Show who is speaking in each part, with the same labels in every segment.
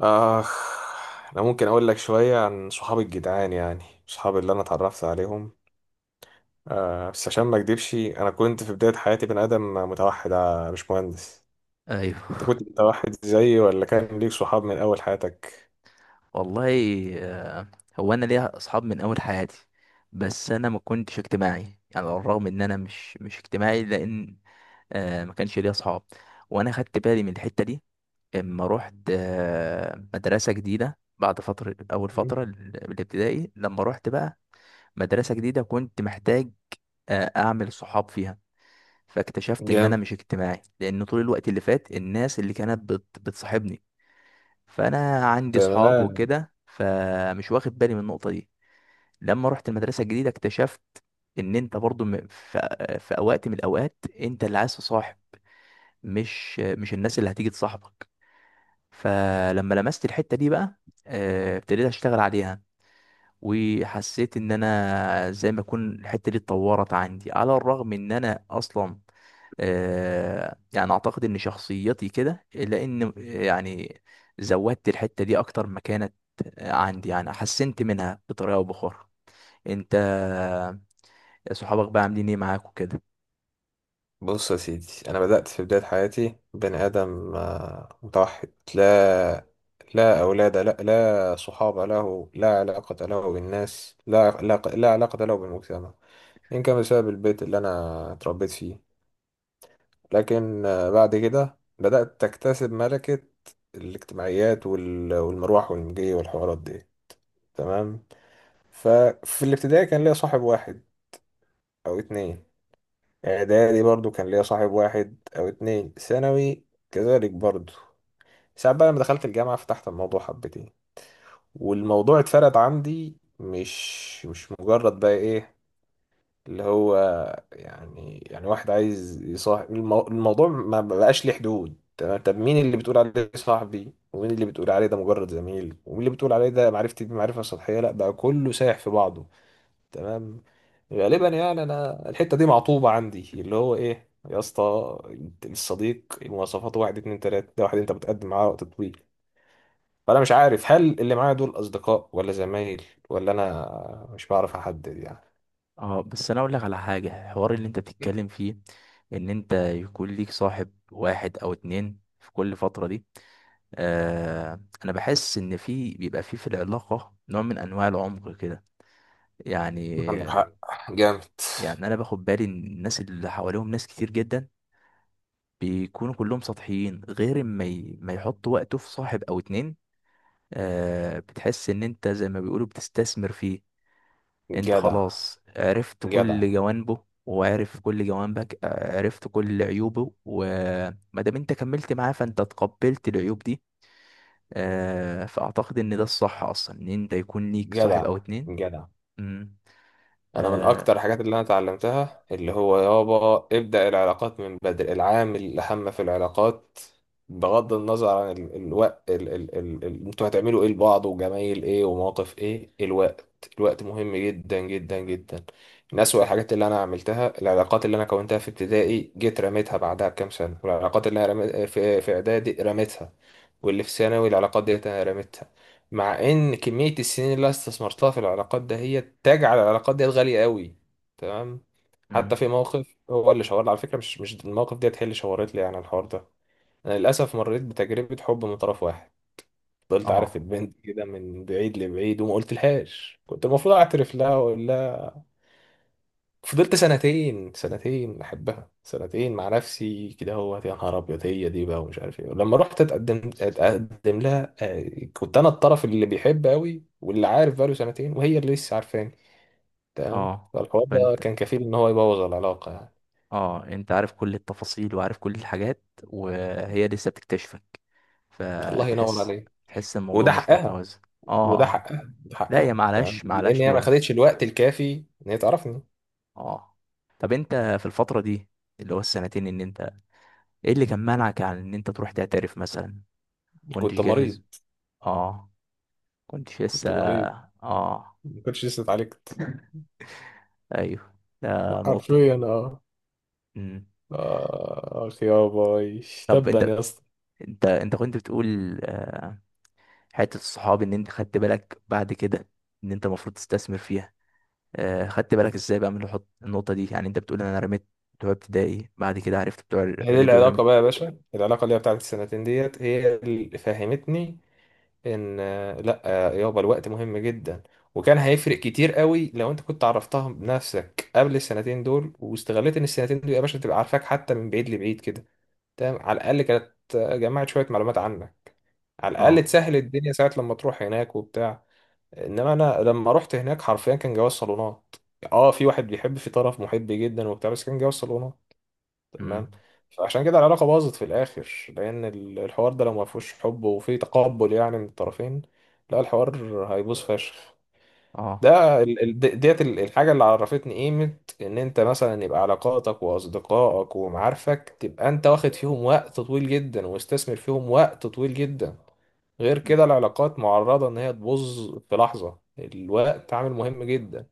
Speaker 1: اخ. انا ممكن اقول لك شويه عن صحابي الجدعان، يعني صحابي اللي انا اتعرفت عليهم. أه بس عشان ما اكدبش، انا كنت في بدايه حياتي بني ادم متوحد، مش مهندس. انت
Speaker 2: ايوه.
Speaker 1: كنت متوحد زيي ولا كان ليك صحاب من اول حياتك؟
Speaker 2: والله. آه، هو انا ليا اصحاب من اول حياتي، بس انا ما كنتش اجتماعي. يعني على الرغم ان انا مش اجتماعي، لان ما كانش ليا اصحاب، وانا خدت بالي من الحته دي. اما رحت مدرسه جديده بعد فتره، اول فتره الابتدائي، لما رحت بقى مدرسه جديده كنت محتاج اعمل صحاب فيها. فاكتشفت ان انا
Speaker 1: جامد.
Speaker 2: مش اجتماعي، لان طول الوقت اللي فات الناس اللي كانت بتصاحبني، فانا عندي صحاب
Speaker 1: تمام.
Speaker 2: وكده فمش واخد بالي من النقطه دي. لما رحت المدرسه الجديده اكتشفت ان انت برضو في اوقات من الاوقات انت اللي عايز تصاحب، مش الناس اللي هتيجي تصاحبك. فلما لمست الحته دي بقى ابتديت اشتغل عليها، وحسيت ان انا زي ما اكون الحته دي اتطورت عندي، على الرغم ان انا اصلا يعني اعتقد ان شخصيتي كده، لان يعني زودت الحته دي اكتر ما كانت عندي، يعني حسنت منها بطريقه او باخرى. انت صحابك بقى عاملين ايه معاك وكده؟
Speaker 1: بص يا سيدي، انا بدأت في بداية حياتي بني ادم متوحد، لا لا اولاد، لا لا صحاب له، لا علاقة له بالناس، لا لا لا علاقة له بالمجتمع. يمكن كان بسبب البيت اللي انا اتربيت فيه، لكن بعد كده بدأت تكتسب ملكة الاجتماعيات والمروح والمجي والحوارات دي. تمام. ففي الابتدائي كان ليا صاحب واحد او اتنين، اعدادي برضو كان ليا صاحب واحد او اتنين، ثانوي كذلك برضو. ساعات بقى لما دخلت الجامعة فتحت الموضوع حبتين، والموضوع اتفرد عندي، مش مجرد بقى ايه اللي هو، يعني واحد عايز يصاحب الموضوع ما بقاش ليه حدود. تمام. طب مين اللي بتقول عليه صاحبي، ومين اللي بتقول عليه ده مجرد زميل، ومين اللي بتقول عليه ده معرفتي بمعرفة سطحية؟ لا بقى كله سايح في بعضه. تمام. غالبا
Speaker 2: مم.
Speaker 1: يعني انا الحتة دي معطوبة عندي، اللي هو ايه يا اسطى، الصديق مواصفاته واحد اتنين تلاتة، ده واحد انت بتقدم معاه وقت طويل، فانا مش عارف هل اللي معايا دول اصدقاء ولا زمايل، ولا انا مش بعرف احدد يعني.
Speaker 2: اه، بس انا اقول لك على حاجه. الحوار اللي انت بتتكلم فيه، ان انت يكون ليك صاحب واحد او اتنين في كل فتره دي، انا بحس ان في، بيبقى في العلاقه نوع من انواع العمق كده، يعني.
Speaker 1: عندك حق. جامد.
Speaker 2: يعني انا باخد بالي ان الناس اللي حواليهم ناس كتير جدا بيكونوا كلهم سطحيين، غير ما ما يحطوا وقته في صاحب او اتنين، بتحس ان انت زي ما بيقولوا بتستثمر فيه. انت
Speaker 1: جدع.
Speaker 2: خلاص عرفت
Speaker 1: جدع.
Speaker 2: كل جوانبه وعرف كل جوانبك، عرفت كل عيوبه وما دام انت كملت معاه فانت تقبلت العيوب دي. آه، فأعتقد إن ده الصح أصلا، إن أنت يكون ليك صاحب
Speaker 1: جدع.
Speaker 2: أو اتنين.
Speaker 1: جدع.
Speaker 2: مم.
Speaker 1: انا من اكتر
Speaker 2: آه.
Speaker 1: الحاجات اللي انا اتعلمتها، اللي هو يابا ابدأ العلاقات من بدري، العامل الاهم في العلاقات بغض النظر عن الوقت انتوا هتعملوا ايه لبعض، وجمايل ايه، ومواقف ايه، الوقت، مهم جدا جدا جدا. من أسوأ الحاجات اللي انا عملتها، العلاقات اللي انا كونتها في ابتدائي جيت رميتها بعدها بكام سنة، والعلاقات اللي انا رميت... في في اعدادي رميتها، واللي في ثانوي العلاقات ديت انا رميتها، مع ان كمية السنين اللي أنا استثمرتها في العلاقات ده هي تجعل العلاقات ديت غالية قوي. تمام. حتى
Speaker 2: مم.
Speaker 1: في موقف هو اللي شاور لي على فكرة، مش الموقف ديت هي اللي شاورت لي يعني على الحوار ده. انا للاسف مريت بتجربة حب من طرف واحد، فضلت عارف
Speaker 2: آه،
Speaker 1: البنت كده من بعيد لبعيد وما قلت لهاش، كنت المفروض اعترف لها واقول. فضلت سنتين، احبها سنتين مع نفسي كده، هو يا نهار ابيض هي دي بقى ومش عارف ايه. لما رحت اتقدم، لها كنت انا الطرف اللي بيحب قوي واللي عارف بقاله سنتين، وهي اللي لسه عارفاني. تمام.
Speaker 2: آه.
Speaker 1: فالحوار ده
Speaker 2: فأنت
Speaker 1: كان كفيل ان هو يبوظ العلاقه يعني.
Speaker 2: آه أنت عارف كل التفاصيل وعارف كل الحاجات، وهي لسه بتكتشفك،
Speaker 1: الله ينور
Speaker 2: فتحس
Speaker 1: عليه.
Speaker 2: تحس الموضوع
Speaker 1: وده
Speaker 2: مش
Speaker 1: حقها.
Speaker 2: متوازن. آه، آه.
Speaker 1: ده
Speaker 2: لا، هي
Speaker 1: حقها. تمام،
Speaker 2: معلش
Speaker 1: لان
Speaker 2: معلش،
Speaker 1: هي ما
Speaker 2: لوم.
Speaker 1: خدتش الوقت الكافي ان هي تعرفني.
Speaker 2: آه طب أنت، في الفترة دي اللي هو السنتين، إن أنت إيه اللي كان مانعك عن إن أنت تروح تعترف مثلا؟ كنتش
Speaker 1: كنت مريض.
Speaker 2: جاهز؟ آه. كنتش لسه.
Speaker 1: كنت مريض.
Speaker 2: آه،
Speaker 1: ما كنتش لسه اتعالجت.
Speaker 2: ايوه، ده نقطة.
Speaker 1: حرفيا اه.
Speaker 2: مم.
Speaker 1: آه يا باي.
Speaker 2: طب
Speaker 1: تبا
Speaker 2: انت،
Speaker 1: يا اسطى.
Speaker 2: انت كنت بتقول حتة الصحاب، ان انت خدت بالك بعد كده ان انت المفروض تستثمر فيها. خدت بالك ازاي بقى من النقطة دي؟ يعني انت بتقول انا رميت بتوع ابتدائي، بعد كده عرفت بتوع
Speaker 1: هي دي
Speaker 2: الاعدادي
Speaker 1: العلاقة
Speaker 2: ورميت.
Speaker 1: بقى يا باشا، العلاقة اللي هي بتاعت السنتين ديت هي اللي فهمتني إن آه، لأ آه، يابا الوقت مهم جدا. وكان هيفرق كتير قوي لو أنت كنت عرفتها بنفسك قبل السنتين دول، واستغليت إن السنتين دول يا باشا تبقى عارفاك حتى من بعيد لبعيد كده. تمام. على الأقل كانت جمعت شوية معلومات عنك، على الأقل
Speaker 2: اه.
Speaker 1: تسهل الدنيا ساعة لما تروح هناك وبتاع. انما انا لما رحت هناك حرفيا كان جواز صالونات، اه، في واحد بيحب، في طرف محب جدا وبتاع، بس كان جواز صالونات. تمام.
Speaker 2: امم.
Speaker 1: فعشان كده العلاقه باظت في الاخر، لان الحوار ده لو ما فيهوش حب وفي تقبل يعني من الطرفين، لا، الحوار هيبوظ فشخ.
Speaker 2: اه.
Speaker 1: ده ديت الحاجه اللي عرفتني قيمه ان انت مثلا يبقى علاقاتك واصدقائك ومعارفك تبقى انت واخد فيهم وقت طويل جدا، واستثمر فيهم وقت طويل جدا. غير
Speaker 2: مم.
Speaker 1: كده العلاقات معرضة إن هي تبوظ في لحظة، الوقت عامل مهم جدا.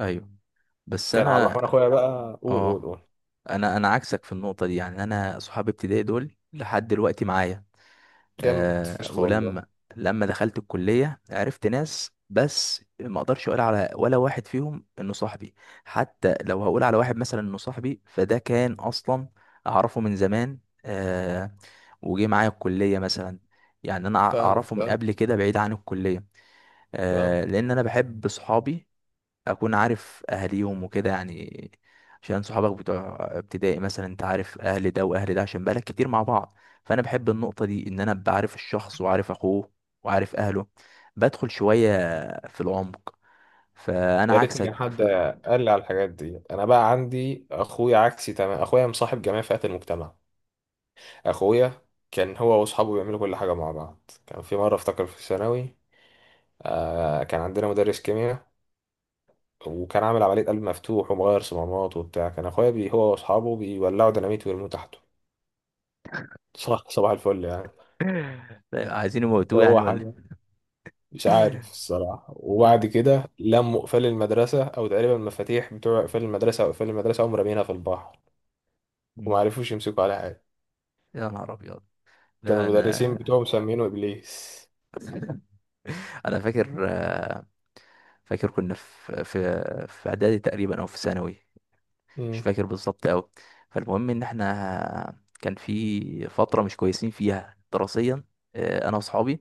Speaker 2: ايوه، بس
Speaker 1: كان عبد
Speaker 2: انا،
Speaker 1: الرحمن أخويا بقى، قول، قول
Speaker 2: اه
Speaker 1: قول
Speaker 2: انا عكسك في النقطة دي. يعني انا صحاب ابتدائي دول لحد دلوقتي معايا.
Speaker 1: جامد
Speaker 2: آه
Speaker 1: فشخ والله.
Speaker 2: ولما لما دخلت الكلية عرفت ناس، بس ما اقدرش اقول على ولا واحد فيهم انه صاحبي. حتى لو هقول على واحد مثلا انه صاحبي، فده كان اصلا اعرفه من زمان، آه وجه معايا الكلية مثلا. يعني انا
Speaker 1: فاهمك،
Speaker 2: اعرفه من
Speaker 1: فاهم
Speaker 2: قبل كده، بعيد عن الكلية،
Speaker 1: فاهم
Speaker 2: لان انا بحب صحابي اكون عارف اهاليهم وكده، يعني عشان صحابك بتوع ابتدائي مثلا انت عارف اهل ده واهل ده، عشان بقالك كتير مع بعض. فانا بحب النقطة دي، ان انا ابقى عارف الشخص وعارف اخوه وعارف اهله، بدخل شوية في العمق.
Speaker 1: يا
Speaker 2: فانا
Speaker 1: ريتني
Speaker 2: عكسك
Speaker 1: كان حد
Speaker 2: في...
Speaker 1: قال لي على الحاجات دي. أنا بقى عندي أخويا عكسي، تمام، أخويا مصاحب جميع فئات المجتمع. أخويا كان هو وأصحابه بيعملوا كل حاجة مع بعض. كان في مرة أفتكر في الثانوي، آه، كان عندنا مدرس كيمياء وكان عامل عملية قلب مفتوح ومغير صمامات وبتاع، كان أخويا بي هو وأصحابه بيولعوا ديناميت ويرموه تحته. صح، صباح الفل يعني.
Speaker 2: عايزين يموتوه، يعني،
Speaker 1: هو
Speaker 2: ولا
Speaker 1: حاجة مش
Speaker 2: إيه؟
Speaker 1: عارف الصراحة. وبعد
Speaker 2: ده.
Speaker 1: كده لموا قفال المدرسة أو تقريبا المفاتيح بتوع قفال المدرسة، أو قفال المدرسة، قاموا رامينها في البحر
Speaker 2: مم.
Speaker 1: ومعرفوش يمسكوا على حاجة.
Speaker 2: يا نهار ابيض.
Speaker 1: كانوا
Speaker 2: لا انا،
Speaker 1: المدرسين بتوعهم مسمينه إبليس.
Speaker 2: انا فاكر. كنا في اعدادي تقريبا او في ثانوي، مش
Speaker 1: امم.
Speaker 2: فاكر بالظبط قوي. فالمهم ان احنا كان في فتره مش كويسين فيها دراسيا، انا واصحابي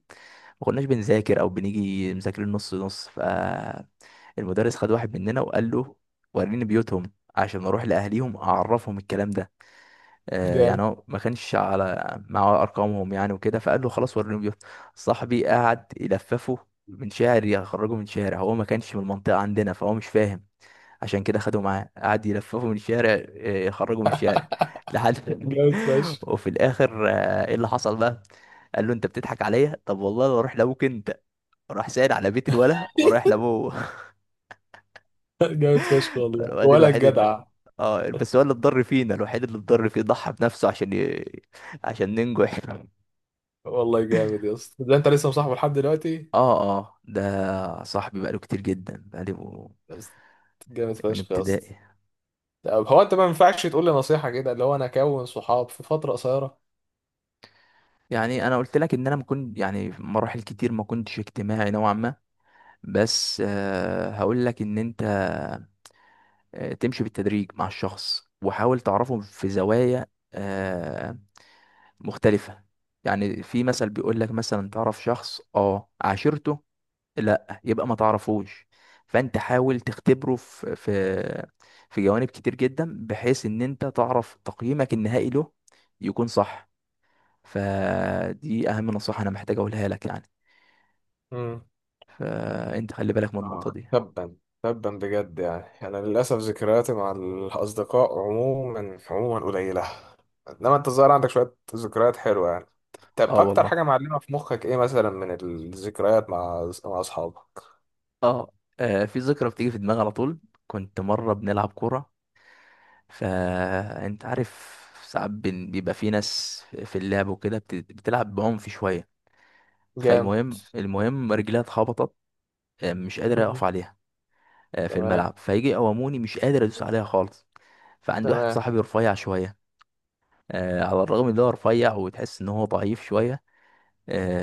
Speaker 2: ما كناش بنذاكر او بنيجي مذاكرين نص نص. فالمدرس خد واحد مننا وقال له وريني بيوتهم عشان اروح لاهليهم اعرفهم الكلام ده. يعني
Speaker 1: جامد.
Speaker 2: هو ما كانش على معاه ارقامهم يعني وكده، فقال له خلاص وريني بيوت. صاحبي قعد يلففه من شارع، يخرجه من شارع. هو ما كانش من المنطقه عندنا فهو مش فاهم، عشان كده خدوا معاه قعد يلففوا من الشارع يخرجوا من الشارع لحد
Speaker 1: جامد فشخ.
Speaker 2: وفي الاخر ايه اللي حصل بقى. قال له انت بتضحك عليا؟ طب والله لو اروح لابوك انت. راح سائل على بيت الولا ورايح لابوه.
Speaker 1: جامد فشخ والله،
Speaker 2: الواد
Speaker 1: ولا
Speaker 2: الوحيد اللي...
Speaker 1: الجدع.
Speaker 2: اه بس هو اللي اتضر فينا، الوحيد اللي اتضر فيه ضحى بنفسه عشان عشان ننجح.
Speaker 1: والله جامد يا اسطى، ده انت لسه مصاحبه لحد دلوقتي.
Speaker 2: اه، اه، ده صاحبي بقاله كتير جدا، بقاله
Speaker 1: يا اسطى. جامد
Speaker 2: من
Speaker 1: فشخ يا اسطى.
Speaker 2: ابتدائي.
Speaker 1: طب هو انت ما ينفعش تقول لي نصيحة كده اللي هو انا اكون صحاب في فترة قصيرة؟
Speaker 2: يعني انا قلت لك ان انا ما كنت، يعني في مراحل كتير ما كنتش اجتماعي نوعا ما، بس هقول لك ان انت تمشي بالتدريج مع الشخص وحاول تعرفه في زوايا آه، مختلفة. يعني في مثل بيقول لك مثلا تعرف شخص عاشرته، لا يبقى ما تعرفوش. فانت حاول تختبره في، في، جوانب كتير جدا، بحيث ان انت تعرف تقييمك النهائي له يكون صح. فدي اهم نصيحة انا محتاج اقولها لك، يعني
Speaker 1: مم.
Speaker 2: فانت خلي بالك من النقطة
Speaker 1: آه،
Speaker 2: دي.
Speaker 1: تبا. تبا بجد يعني، أنا للأسف ذكرياتي مع الأصدقاء عموما، قليلة، إنما أنت الظاهر عندك شوية ذكريات حلوة يعني. طب
Speaker 2: اه،
Speaker 1: أكتر
Speaker 2: والله.
Speaker 1: حاجة معلمة في مخك إيه مثلا من الذكريات مع أصحابك؟
Speaker 2: اه في ذكرى بتيجي في دماغي على طول. كنت مرة بنلعب كورة. فانت عارف، ساعات بيبقى في ناس في اللعب وكده بتلعب بعنف شوية.
Speaker 1: جام.
Speaker 2: فالمهم، رجليها اتخبطت، مش قادر
Speaker 1: مم.
Speaker 2: اقف عليها، في
Speaker 1: تمام.
Speaker 2: الملعب. فيجي يقوموني مش قادر ادوس عليها خالص. فعندي واحد
Speaker 1: تمام
Speaker 2: صاحبي رفيع شوية، على الرغم ان هو رفيع وتحس ان هو ضعيف شوية.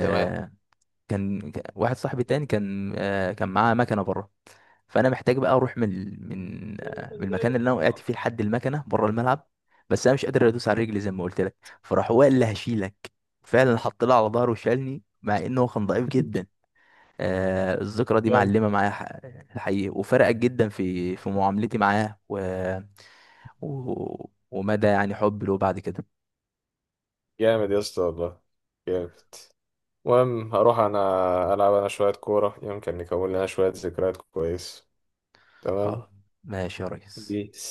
Speaker 1: تمام.
Speaker 2: واحد صاحبي تاني كان معاه مكنة بره. فانا محتاج بقى اروح من ال- من آه، من المكان اللي انا وقعت فيه لحد المكنه بره الملعب، بس انا مش قادر ادوس على رجلي زي ما قلت لك. فراح هو قال لي هشيلك، فعلا حط لي على ظهره وشالني مع انه هو كان ضعيف جدا. الذكرى دي
Speaker 1: جامد.
Speaker 2: معلمه معايا، الحقيقه، وفرقت جدا في معاملتي معاه، ومدى، يعني، حبي له بعد كده.
Speaker 1: جامد يا اسطى والله. جامد. المهم هروح أنا ألعب أنا شوية كورة، يمكن نكون لنا شوية ذكريات كويس. تمام.
Speaker 2: خلاص، ماشي يا ريس.
Speaker 1: بيس.